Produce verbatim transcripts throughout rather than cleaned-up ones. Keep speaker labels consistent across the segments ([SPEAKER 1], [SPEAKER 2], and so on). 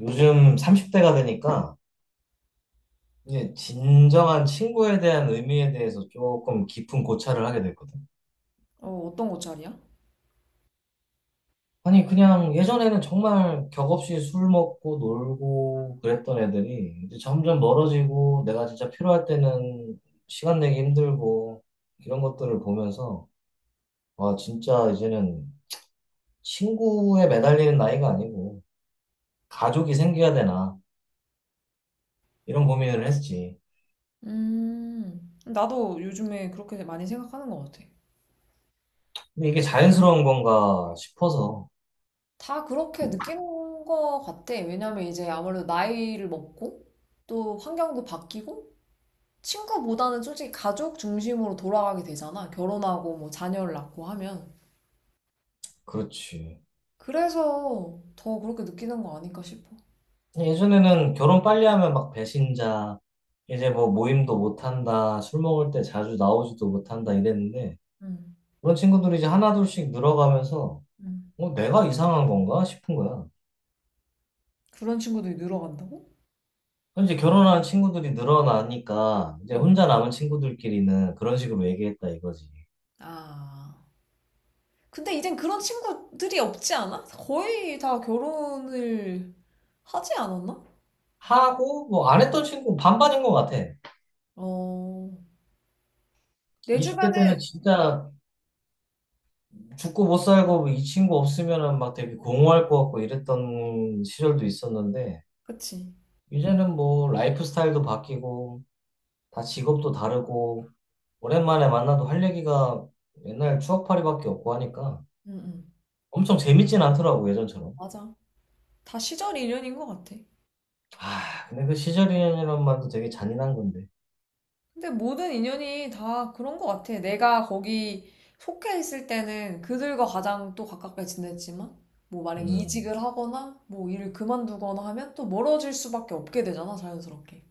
[SPEAKER 1] 요즘 삼십 대가 되니까 이제 진정한 친구에 대한 의미에 대해서 조금 깊은 고찰을 하게 됐거든.
[SPEAKER 2] 어, 어떤 옷차림이야?
[SPEAKER 1] 아니, 그냥 예전에는 정말 격 없이 술 먹고 놀고 그랬던 애들이 이제 점점 멀어지고 내가 진짜 필요할 때는 시간 내기 힘들고 이런 것들을 보면서 와, 진짜 이제는 친구에 매달리는 나이가 아니고 가족이 생겨야 되나 이런 고민을 했지.
[SPEAKER 2] 음, 나도 요즘에 그렇게 많이 생각하는 것 같아.
[SPEAKER 1] 근데 이게 자연스러운 건가 싶어서
[SPEAKER 2] 다 그렇게 느끼는 것 같아. 왜냐면 이제 아무래도 나이를 먹고 또 환경도 바뀌고 친구보다는 솔직히 가족 중심으로 돌아가게 되잖아. 결혼하고 뭐 자녀를 낳고 하면.
[SPEAKER 1] 그렇지.
[SPEAKER 2] 그래서 더 그렇게 느끼는 거 아닐까 싶어.
[SPEAKER 1] 예전에는 결혼 빨리 하면 막 배신자, 이제 뭐 모임도 못한다, 술 먹을 때 자주 나오지도 못한다 이랬는데,
[SPEAKER 2] 음,
[SPEAKER 1] 그런 친구들이 이제 하나둘씩 늘어가면서,
[SPEAKER 2] 음.
[SPEAKER 1] 어, 내가 이상한 건가 싶은 거야.
[SPEAKER 2] 그런 친구들이 늘어간다고?
[SPEAKER 1] 그럼 이제 결혼한 친구들이 늘어나니까, 이제
[SPEAKER 2] 어.
[SPEAKER 1] 혼자 남은 친구들끼리는 그런 식으로 얘기했다 이거지.
[SPEAKER 2] 아. 근데 이젠 그런 친구들이 없지 않아? 거의 다 결혼을 하지 않았나?
[SPEAKER 1] 하고, 뭐 안 했던 친구 반반인 것 같아.
[SPEAKER 2] 어, 내
[SPEAKER 1] 이십 대 때는
[SPEAKER 2] 주변은, 음.
[SPEAKER 1] 진짜 죽고 못 살고 이 친구 없으면은 막 되게 공허할 것 같고 이랬던 시절도 있었는데,
[SPEAKER 2] 그치.
[SPEAKER 1] 이제는 뭐 라이프 스타일도 바뀌고 다 직업도 다르고 오랜만에 만나도 할 얘기가 옛날 추억팔이밖에 없고 하니까
[SPEAKER 2] 응, 응.
[SPEAKER 1] 엄청 재밌진 않더라고 예전처럼.
[SPEAKER 2] 맞아. 다 시절 인연인 것 같아.
[SPEAKER 1] 아 근데 그 시절이란 말도 되게 잔인한 건데.
[SPEAKER 2] 근데 모든 인연이 다 그런 것 같아. 내가 거기 속해 있을 때는 그들과 가장 또 가깝게 지냈지만, 뭐 만약
[SPEAKER 1] 음
[SPEAKER 2] 이직을 하거나, 뭐 일을 그만두거나 하면 또 멀어질 수밖에 없게 되잖아, 자연스럽게.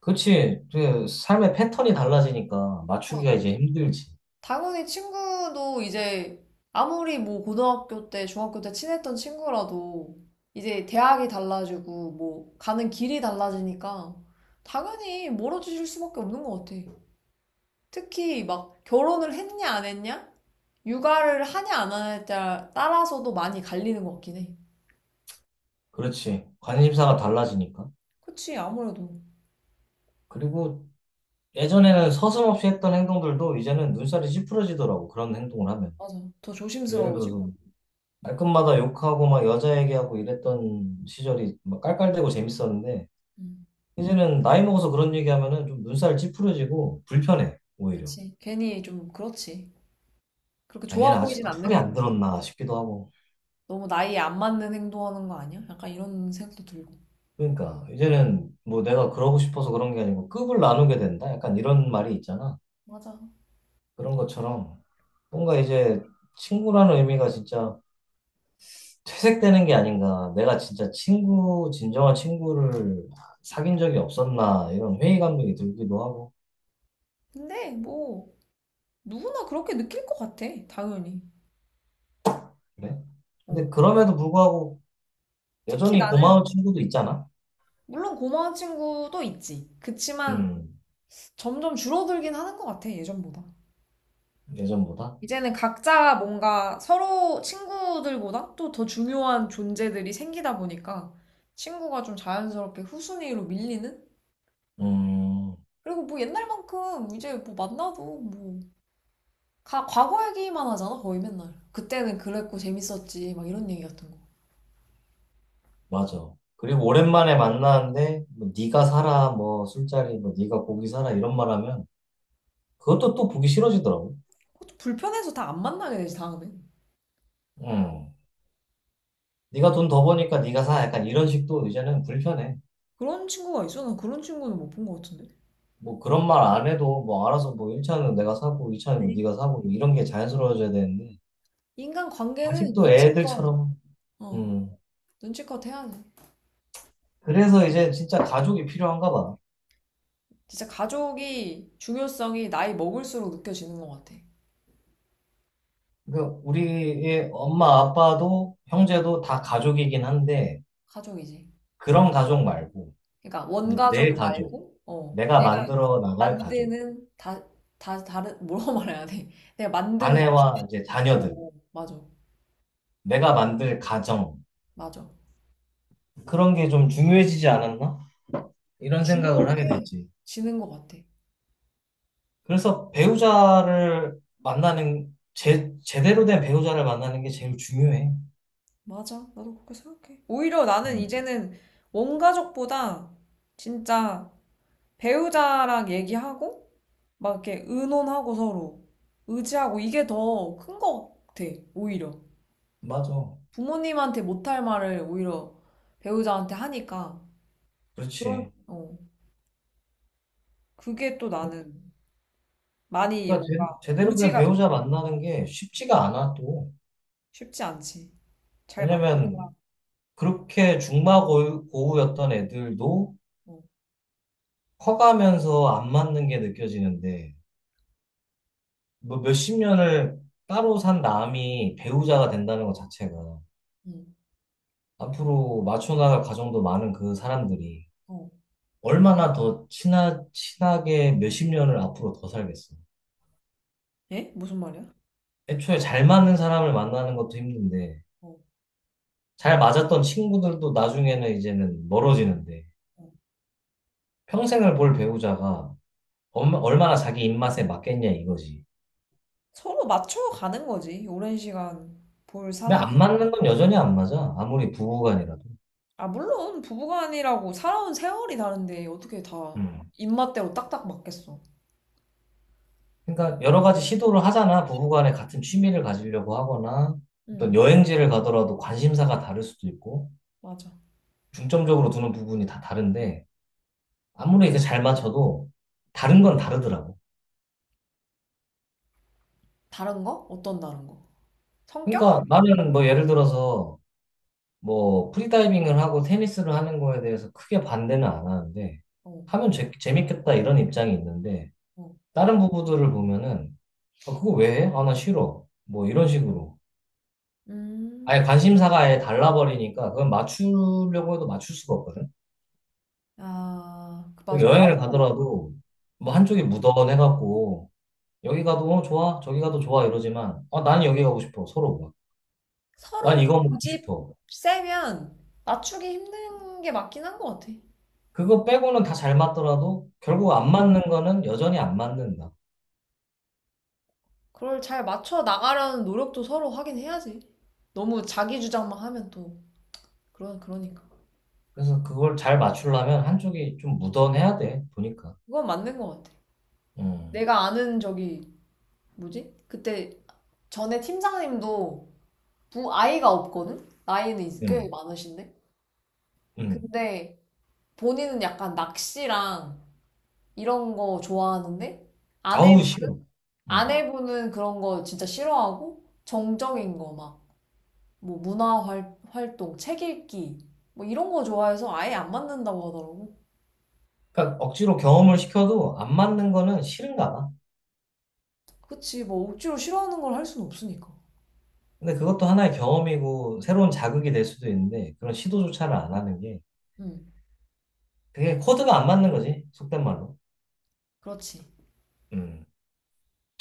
[SPEAKER 1] 그렇지. 그 삶의 패턴이 달라지니까 맞추기가 이제 힘들지.
[SPEAKER 2] 당연히 친구도 이제 아무리 뭐 고등학교 때, 중학교 때 친했던 친구라도 이제 대학이 달라지고 뭐 가는 길이 달라지니까 당연히 멀어지실 수밖에 없는 것 같아. 특히 막 결혼을 했냐 안 했냐? 육아를 하냐 안 하냐에 따라- 서도 많이 갈리는 것 같긴 해.
[SPEAKER 1] 그렇지. 관심사가 달라지니까.
[SPEAKER 2] 그치, 아무래도.
[SPEAKER 1] 그리고 예전에는 서슴없이 했던 행동들도 이제는 눈살이 찌푸려지더라고 그런 행동을 하면.
[SPEAKER 2] 맞아. 더
[SPEAKER 1] 예를
[SPEAKER 2] 조심스러워지고.
[SPEAKER 1] 들어서 말끝마다 욕하고 막 여자 얘기하고 이랬던 시절이 막 깔깔대고 재밌었는데
[SPEAKER 2] 음,
[SPEAKER 1] 이제는 나이 먹어서 그런 얘기하면은 좀 눈살 찌푸려지고 불편해 오히려
[SPEAKER 2] 그치. 괜히 좀 그렇지. 그렇게
[SPEAKER 1] 아, 얘는
[SPEAKER 2] 좋아 보이진
[SPEAKER 1] 아직도
[SPEAKER 2] 않는
[SPEAKER 1] 철이
[SPEAKER 2] 것
[SPEAKER 1] 안
[SPEAKER 2] 같아.
[SPEAKER 1] 들었나 싶기도 하고
[SPEAKER 2] 너무 나이에 안 맞는 행동하는 거 아니야? 약간 이런 생각도 들고.
[SPEAKER 1] 그러니까 이제는 뭐 내가 그러고 싶어서 그런 게 아니고 급을 나누게 된다 약간 이런 말이 있잖아
[SPEAKER 2] 맞아.
[SPEAKER 1] 그런 것처럼 뭔가 이제 친구라는 의미가 진짜 퇴색되는 게 아닌가 내가 진짜 친구 진정한 친구를 사귄 적이 없었나 이런 회의감이 들기도 하고
[SPEAKER 2] 근데 뭐 누구나 그렇게 느낄 것 같아, 당연히.
[SPEAKER 1] 그래? 근데
[SPEAKER 2] 어.
[SPEAKER 1] 그럼에도 불구하고
[SPEAKER 2] 특히
[SPEAKER 1] 여전히
[SPEAKER 2] 나는
[SPEAKER 1] 고마운 친구도 있잖아.
[SPEAKER 2] 물론 고마운 친구도 있지. 그치만
[SPEAKER 1] 음,
[SPEAKER 2] 점점 줄어들긴 하는 것 같아, 예전보다.
[SPEAKER 1] 예전보다.
[SPEAKER 2] 이제는 각자 뭔가 서로 친구들보다 또 더 중요한 존재들이 생기다 보니까 친구가 좀 자연스럽게 후순위로 밀리는?
[SPEAKER 1] 음,
[SPEAKER 2] 그리고 뭐 옛날만큼 이제 뭐 만나도 뭐 가- 과거 얘기만 하잖아, 거의 맨날. 그때는 그랬고 재밌었지, 막 이런 얘기 같은 거.
[SPEAKER 1] 맞아. 그리고 오랜만에 만나는데 뭐 네가 사라, 뭐 술자리, 뭐 네가 고기 사라 이런 말하면 그것도 또 보기 싫어지더라고.
[SPEAKER 2] 그것도 불편해서 다 안 만나게 되지, 다음에.
[SPEAKER 1] 음, 네가 돈 더 버니까 네가 사. 약간 이런 식도 이제는 불편해.
[SPEAKER 2] 그런 친구가 있어? 난 그런 친구는 못 본 것 같은데.
[SPEAKER 1] 뭐 그런 말 안 해도 뭐 알아서 뭐 일 차는 내가 사고 이차는
[SPEAKER 2] 그래.
[SPEAKER 1] 네가 사고 뭐 이런 게 자연스러워져야 되는데
[SPEAKER 2] 인간 관계는
[SPEAKER 1] 아직도
[SPEAKER 2] 눈치껏,
[SPEAKER 1] 애들처럼.
[SPEAKER 2] 어,
[SPEAKER 1] 음,
[SPEAKER 2] 눈치껏 해야 돼.
[SPEAKER 1] 그래서 이제 진짜 가족이 필요한가 봐.
[SPEAKER 2] 진짜 가족이 중요성이 나이 먹을수록 느껴지는 것 같아.
[SPEAKER 1] 그 우리의 엄마, 아빠도 형제도 다 가족이긴 한데
[SPEAKER 2] 가족이지.
[SPEAKER 1] 그런 가족 말고
[SPEAKER 2] 그러니까
[SPEAKER 1] 이제 내
[SPEAKER 2] 원가족
[SPEAKER 1] 가족,
[SPEAKER 2] 말고, 어,
[SPEAKER 1] 내가
[SPEAKER 2] 내가
[SPEAKER 1] 만들어 나갈 가족,
[SPEAKER 2] 만드는 다, 다 다른 뭐라고 말해야 돼? 내가 만드는 가족.
[SPEAKER 1] 아내와 이제
[SPEAKER 2] 어,
[SPEAKER 1] 자녀들,
[SPEAKER 2] 어, 맞아,
[SPEAKER 1] 내가 만들 가정
[SPEAKER 2] 맞아.
[SPEAKER 1] 그런 게 좀 중요해지지 않았나? 이런 생각을 하게 됐지.
[SPEAKER 2] 중요해지는 것 같아.
[SPEAKER 1] 그래서 배우자를 만나는 제, 제대로 된 배우자를 만나는 게 제일 중요해.
[SPEAKER 2] 맞아. 나도 그렇게 생각해. 오히려 나는
[SPEAKER 1] 음,
[SPEAKER 2] 이제는 원 가족보다 진짜 배우자랑 얘기하고 막 이렇게 의논하고 서로 의지하고 이게 더 큰 것 같아. 오히려.
[SPEAKER 1] 맞아.
[SPEAKER 2] 부모님한테 못할 말을 오히려 배우자한테 하니까 그런
[SPEAKER 1] 그렇지.
[SPEAKER 2] 어 그게 또 나는 많이
[SPEAKER 1] 그러니까 제,
[SPEAKER 2] 뭔가
[SPEAKER 1] 제대로 된
[SPEAKER 2] 의지가 된다.
[SPEAKER 1] 배우자 만나는 게 쉽지가 않아 또.
[SPEAKER 2] 쉽지 않지. 잘 맞는 사람.
[SPEAKER 1] 왜냐면 그렇게 중마고우였던 애들도
[SPEAKER 2] 어.
[SPEAKER 1] 커가면서 안 맞는 게 느껴지는데, 뭐 몇십 년을 따로 산 남이 배우자가 된다는 것 자체가
[SPEAKER 2] 응.
[SPEAKER 1] 앞으로 맞춰나갈 과정도 많은 그 사람들이
[SPEAKER 2] 어.
[SPEAKER 1] 얼마나 더 친하, 친하게 몇십 년을 앞으로 더 살겠어.
[SPEAKER 2] 예? 무슨 말이야?
[SPEAKER 1] 애초에 잘 맞는 사람을 만나는 것도 힘든데,
[SPEAKER 2] 어.
[SPEAKER 1] 잘 맞았던 친구들도 나중에는 이제는 멀어지는데,
[SPEAKER 2] 어.
[SPEAKER 1] 평생을 볼 배우자가 얼마- 얼마나 자기 입맛에 맞겠냐 이거지.
[SPEAKER 2] 서로 맞춰가는 거지. 오랜 시간 볼
[SPEAKER 1] 근데
[SPEAKER 2] 사람이.
[SPEAKER 1] 안 맞는 건 여전히 안 맞아. 아무리 부부간이라도.
[SPEAKER 2] 아, 물론 부부간이라고 살아온 세월이 다른데 어떻게 다
[SPEAKER 1] 음.
[SPEAKER 2] 입맛대로 딱딱 맞겠어.
[SPEAKER 1] 그러니까 여러 가지 시도를 하잖아. 부부간에 같은 취미를 가지려고 하거나 어떤
[SPEAKER 2] 응,
[SPEAKER 1] 여행지를 가더라도 관심사가 다를 수도 있고
[SPEAKER 2] 맞아.
[SPEAKER 1] 중점적으로 두는 부분이 다 다른데 아무리 이제 잘 맞춰도 다른 건 다르더라고.
[SPEAKER 2] 다른 거? 어떤 다른 거? 성격?
[SPEAKER 1] 그러니까 나는 뭐 예를 들어서 뭐 프리다이빙을 하고 테니스를 하는 거에 대해서 크게 반대는 안 하는데
[SPEAKER 2] 어,
[SPEAKER 1] 하면 재, 재밌겠다 이런 입장이 있는데
[SPEAKER 2] 어.
[SPEAKER 1] 다른 부부들을 보면은 아, 그거 왜 해? 아, 나 싫어. 뭐 이런 식으로. 아예
[SPEAKER 2] 음,
[SPEAKER 1] 관심사가 아예 달라버리니까 그건 맞추려고 해도 맞출 수가 없거든.
[SPEAKER 2] 아, 그 맞아.
[SPEAKER 1] 그리고 여행을
[SPEAKER 2] 나도
[SPEAKER 1] 가더라도 뭐
[SPEAKER 2] 어.
[SPEAKER 1] 한쪽이 무던해갖고 여기 가도 어, 좋아, 저기 가도 좋아 이러지만 어, 나는 여기 가고 싶어 서로가. 난
[SPEAKER 2] 서로가
[SPEAKER 1] 이거 먹고
[SPEAKER 2] 고집
[SPEAKER 1] 싶어.
[SPEAKER 2] 세면 맞추기 힘든 게 맞긴 한 것 같아.
[SPEAKER 1] 그거 빼고는 다 잘 맞더라도
[SPEAKER 2] 응.
[SPEAKER 1] 결국 안 맞는 거는 여전히 안 맞는다.
[SPEAKER 2] 그걸 잘 맞춰 나가려는 노력도 서로 하긴 해야지. 너무 자기 주장만 하면 또 그런 그러니까.
[SPEAKER 1] 그래서 그걸 잘 맞추려면 한쪽이 좀 무던해야 돼 보니까.
[SPEAKER 2] 그건 맞는 것 같아.
[SPEAKER 1] 음,
[SPEAKER 2] 내가 아는 저기 뭐지? 그때 전에 팀장님도 부 아이가 없거든. 나이는 꽤
[SPEAKER 1] 음,
[SPEAKER 2] 많으신데.
[SPEAKER 1] 음.
[SPEAKER 2] 근데 본인은 약간 낚시랑 이런 거 좋아하는데 아내
[SPEAKER 1] 아우 싫어. 어.
[SPEAKER 2] 아내분은 그런 거 진짜 싫어하고 정적인 거 막 뭐 문화 활, 활동, 책 읽기 뭐 이런 거 좋아해서 아예 안 맞는다고 하더라고.
[SPEAKER 1] 그러니까 억지로 경험을 시켜도 안 맞는 거는 싫은가 봐.
[SPEAKER 2] 그치 뭐 억지로 싫어하는 걸 할 수는 없으니까.
[SPEAKER 1] 근데 그것도 하나의 경험이고 새로운 자극이 될 수도 있는데 그런
[SPEAKER 2] 응,
[SPEAKER 1] 시도조차를 안 하는 게
[SPEAKER 2] 응,
[SPEAKER 1] 그게 코드가 안 맞는 거지 속된 말로.
[SPEAKER 2] 그렇지.
[SPEAKER 1] 음.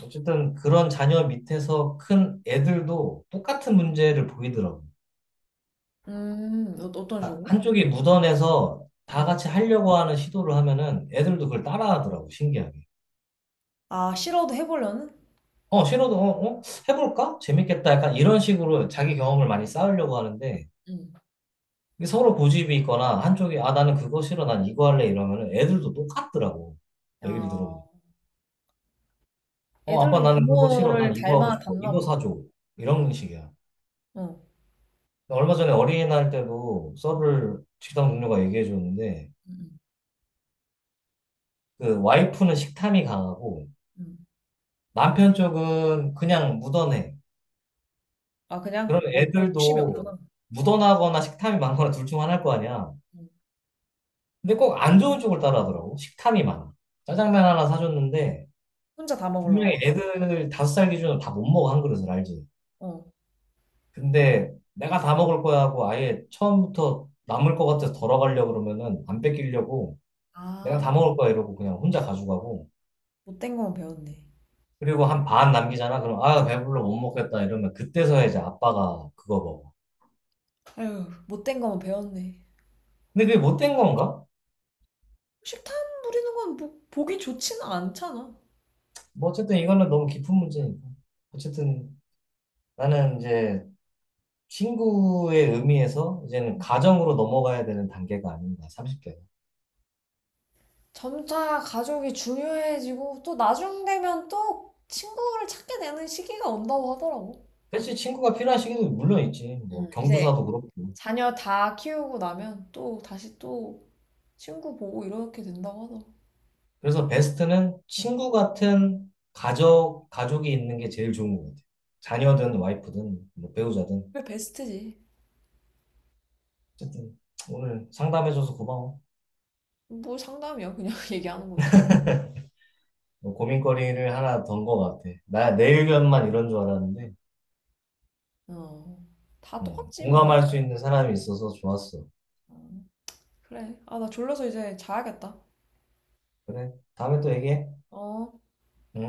[SPEAKER 1] 어쨌든 그런 자녀 밑에서 큰 애들도 똑같은 문제를 보이더라고.
[SPEAKER 2] 음, 어- 어떤
[SPEAKER 1] 그러니까
[SPEAKER 2] 식으로?
[SPEAKER 1] 한쪽이 묻어내서 다
[SPEAKER 2] 어.
[SPEAKER 1] 같이 하려고 하는 시도를 하면은 애들도 그걸 따라하더라고 신기하게.
[SPEAKER 2] 아, 싫어도 해보려는?
[SPEAKER 1] 어 싫어도 어, 어? 해볼까? 재밌겠다. 약간 이런 식으로 자기 경험을 많이 쌓으려고 하는데
[SPEAKER 2] 응.
[SPEAKER 1] 이게 서로 고집이 있거나 한쪽이 아 나는 그거 싫어 난 이거 할래 이러면은 애들도 똑같더라고. 얘기를 들어보니
[SPEAKER 2] 아,
[SPEAKER 1] 어, 아빠
[SPEAKER 2] 애들도
[SPEAKER 1] 나는 그거 싫어.
[SPEAKER 2] 부모를
[SPEAKER 1] 난 이거 하고
[SPEAKER 2] 닮아,
[SPEAKER 1] 싶어.
[SPEAKER 2] 닮나
[SPEAKER 1] 이거
[SPEAKER 2] 보다.
[SPEAKER 1] 사줘. 이런 식이야.
[SPEAKER 2] 어.
[SPEAKER 1] 얼마 전에 어린이날 때도 서브를 식당 동료가 얘기해 줬는데,
[SPEAKER 2] 응.
[SPEAKER 1] 그 와이프는 식탐이 강하고,
[SPEAKER 2] 응.
[SPEAKER 1] 남편 쪽은 그냥 묻어내.
[SPEAKER 2] 아, 그냥
[SPEAKER 1] 그러면
[SPEAKER 2] 뭐 그런 욕심이
[SPEAKER 1] 애들도
[SPEAKER 2] 없구나.
[SPEAKER 1] 묻어나거나 식탐이 많거나 둘 중 하나일 거 아니야.
[SPEAKER 2] 응.
[SPEAKER 1] 근데 꼭 안 좋은 쪽을 따라하더라고. 식탐이 많아. 짜장면 하나 사줬는데,
[SPEAKER 2] 혼자 다
[SPEAKER 1] 분명히
[SPEAKER 2] 먹으려나?
[SPEAKER 1] 애들 다섯 살 기준으로 다 못 먹어, 한 그릇을 알지.
[SPEAKER 2] 어.
[SPEAKER 1] 근데 내가 다 먹을 거야 하고 아예 처음부터 남을 것 같아서 덜어가려고 그러면은 안 뺏기려고 내가
[SPEAKER 2] 아,
[SPEAKER 1] 다 먹을 거야 이러고 그냥 혼자 가져가고
[SPEAKER 2] 못된 거만 배웠네.
[SPEAKER 1] 그리고 한 반 남기잖아. 그럼 아, 배불러 못 먹겠다 이러면 그때서야 이제 아빠가 그거 먹어.
[SPEAKER 2] 아유, 못된 거만 배웠네.
[SPEAKER 1] 근데 그게 못된 건가?
[SPEAKER 2] 식탐 부리는 건 뭐, 보기 좋지는 않잖아.
[SPEAKER 1] 뭐 어쨌든 이거는 너무 깊은 문제니까. 어쨌든 나는 이제 친구의 의미에서 이제는 가정으로 넘어가야 되는 단계가 아닌가, 삼십 대가.
[SPEAKER 2] 점차 가족이 중요해지고, 또 나중 되면 또 친구를 찾게 되는 시기가 온다고 하더라고.
[SPEAKER 1] 그치, 친구가 필요한 시기도 물론 있지. 뭐
[SPEAKER 2] 응. 이제
[SPEAKER 1] 경조사도 그렇고.
[SPEAKER 2] 자녀 다 키우고 나면 또 다시 또 친구 보고 이렇게 된다고 하더라.
[SPEAKER 1] 그래서 베스트는 친구 같은 가족, 가족이 있는 게 제일 좋은 것 같아요. 자녀든 와이프든 뭐 배우자든
[SPEAKER 2] 그게 베스트지.
[SPEAKER 1] 어쨌든 오늘 상담해줘서 고마워.
[SPEAKER 2] 뭐 상담이야. 그냥 얘기하는 거지.
[SPEAKER 1] 뭐 고민거리를 하나 던 것 같아. 나 내 의견만 이런 줄 알았는데
[SPEAKER 2] 어. 다
[SPEAKER 1] 음,
[SPEAKER 2] 똑같지, 뭐.
[SPEAKER 1] 공감할 수 있는 사람이 있어서 좋았어.
[SPEAKER 2] 어, 그래. 아, 나 졸려서 이제 자야겠다.
[SPEAKER 1] 그래, 다음에 또 얘기해.
[SPEAKER 2] 어.
[SPEAKER 1] 음.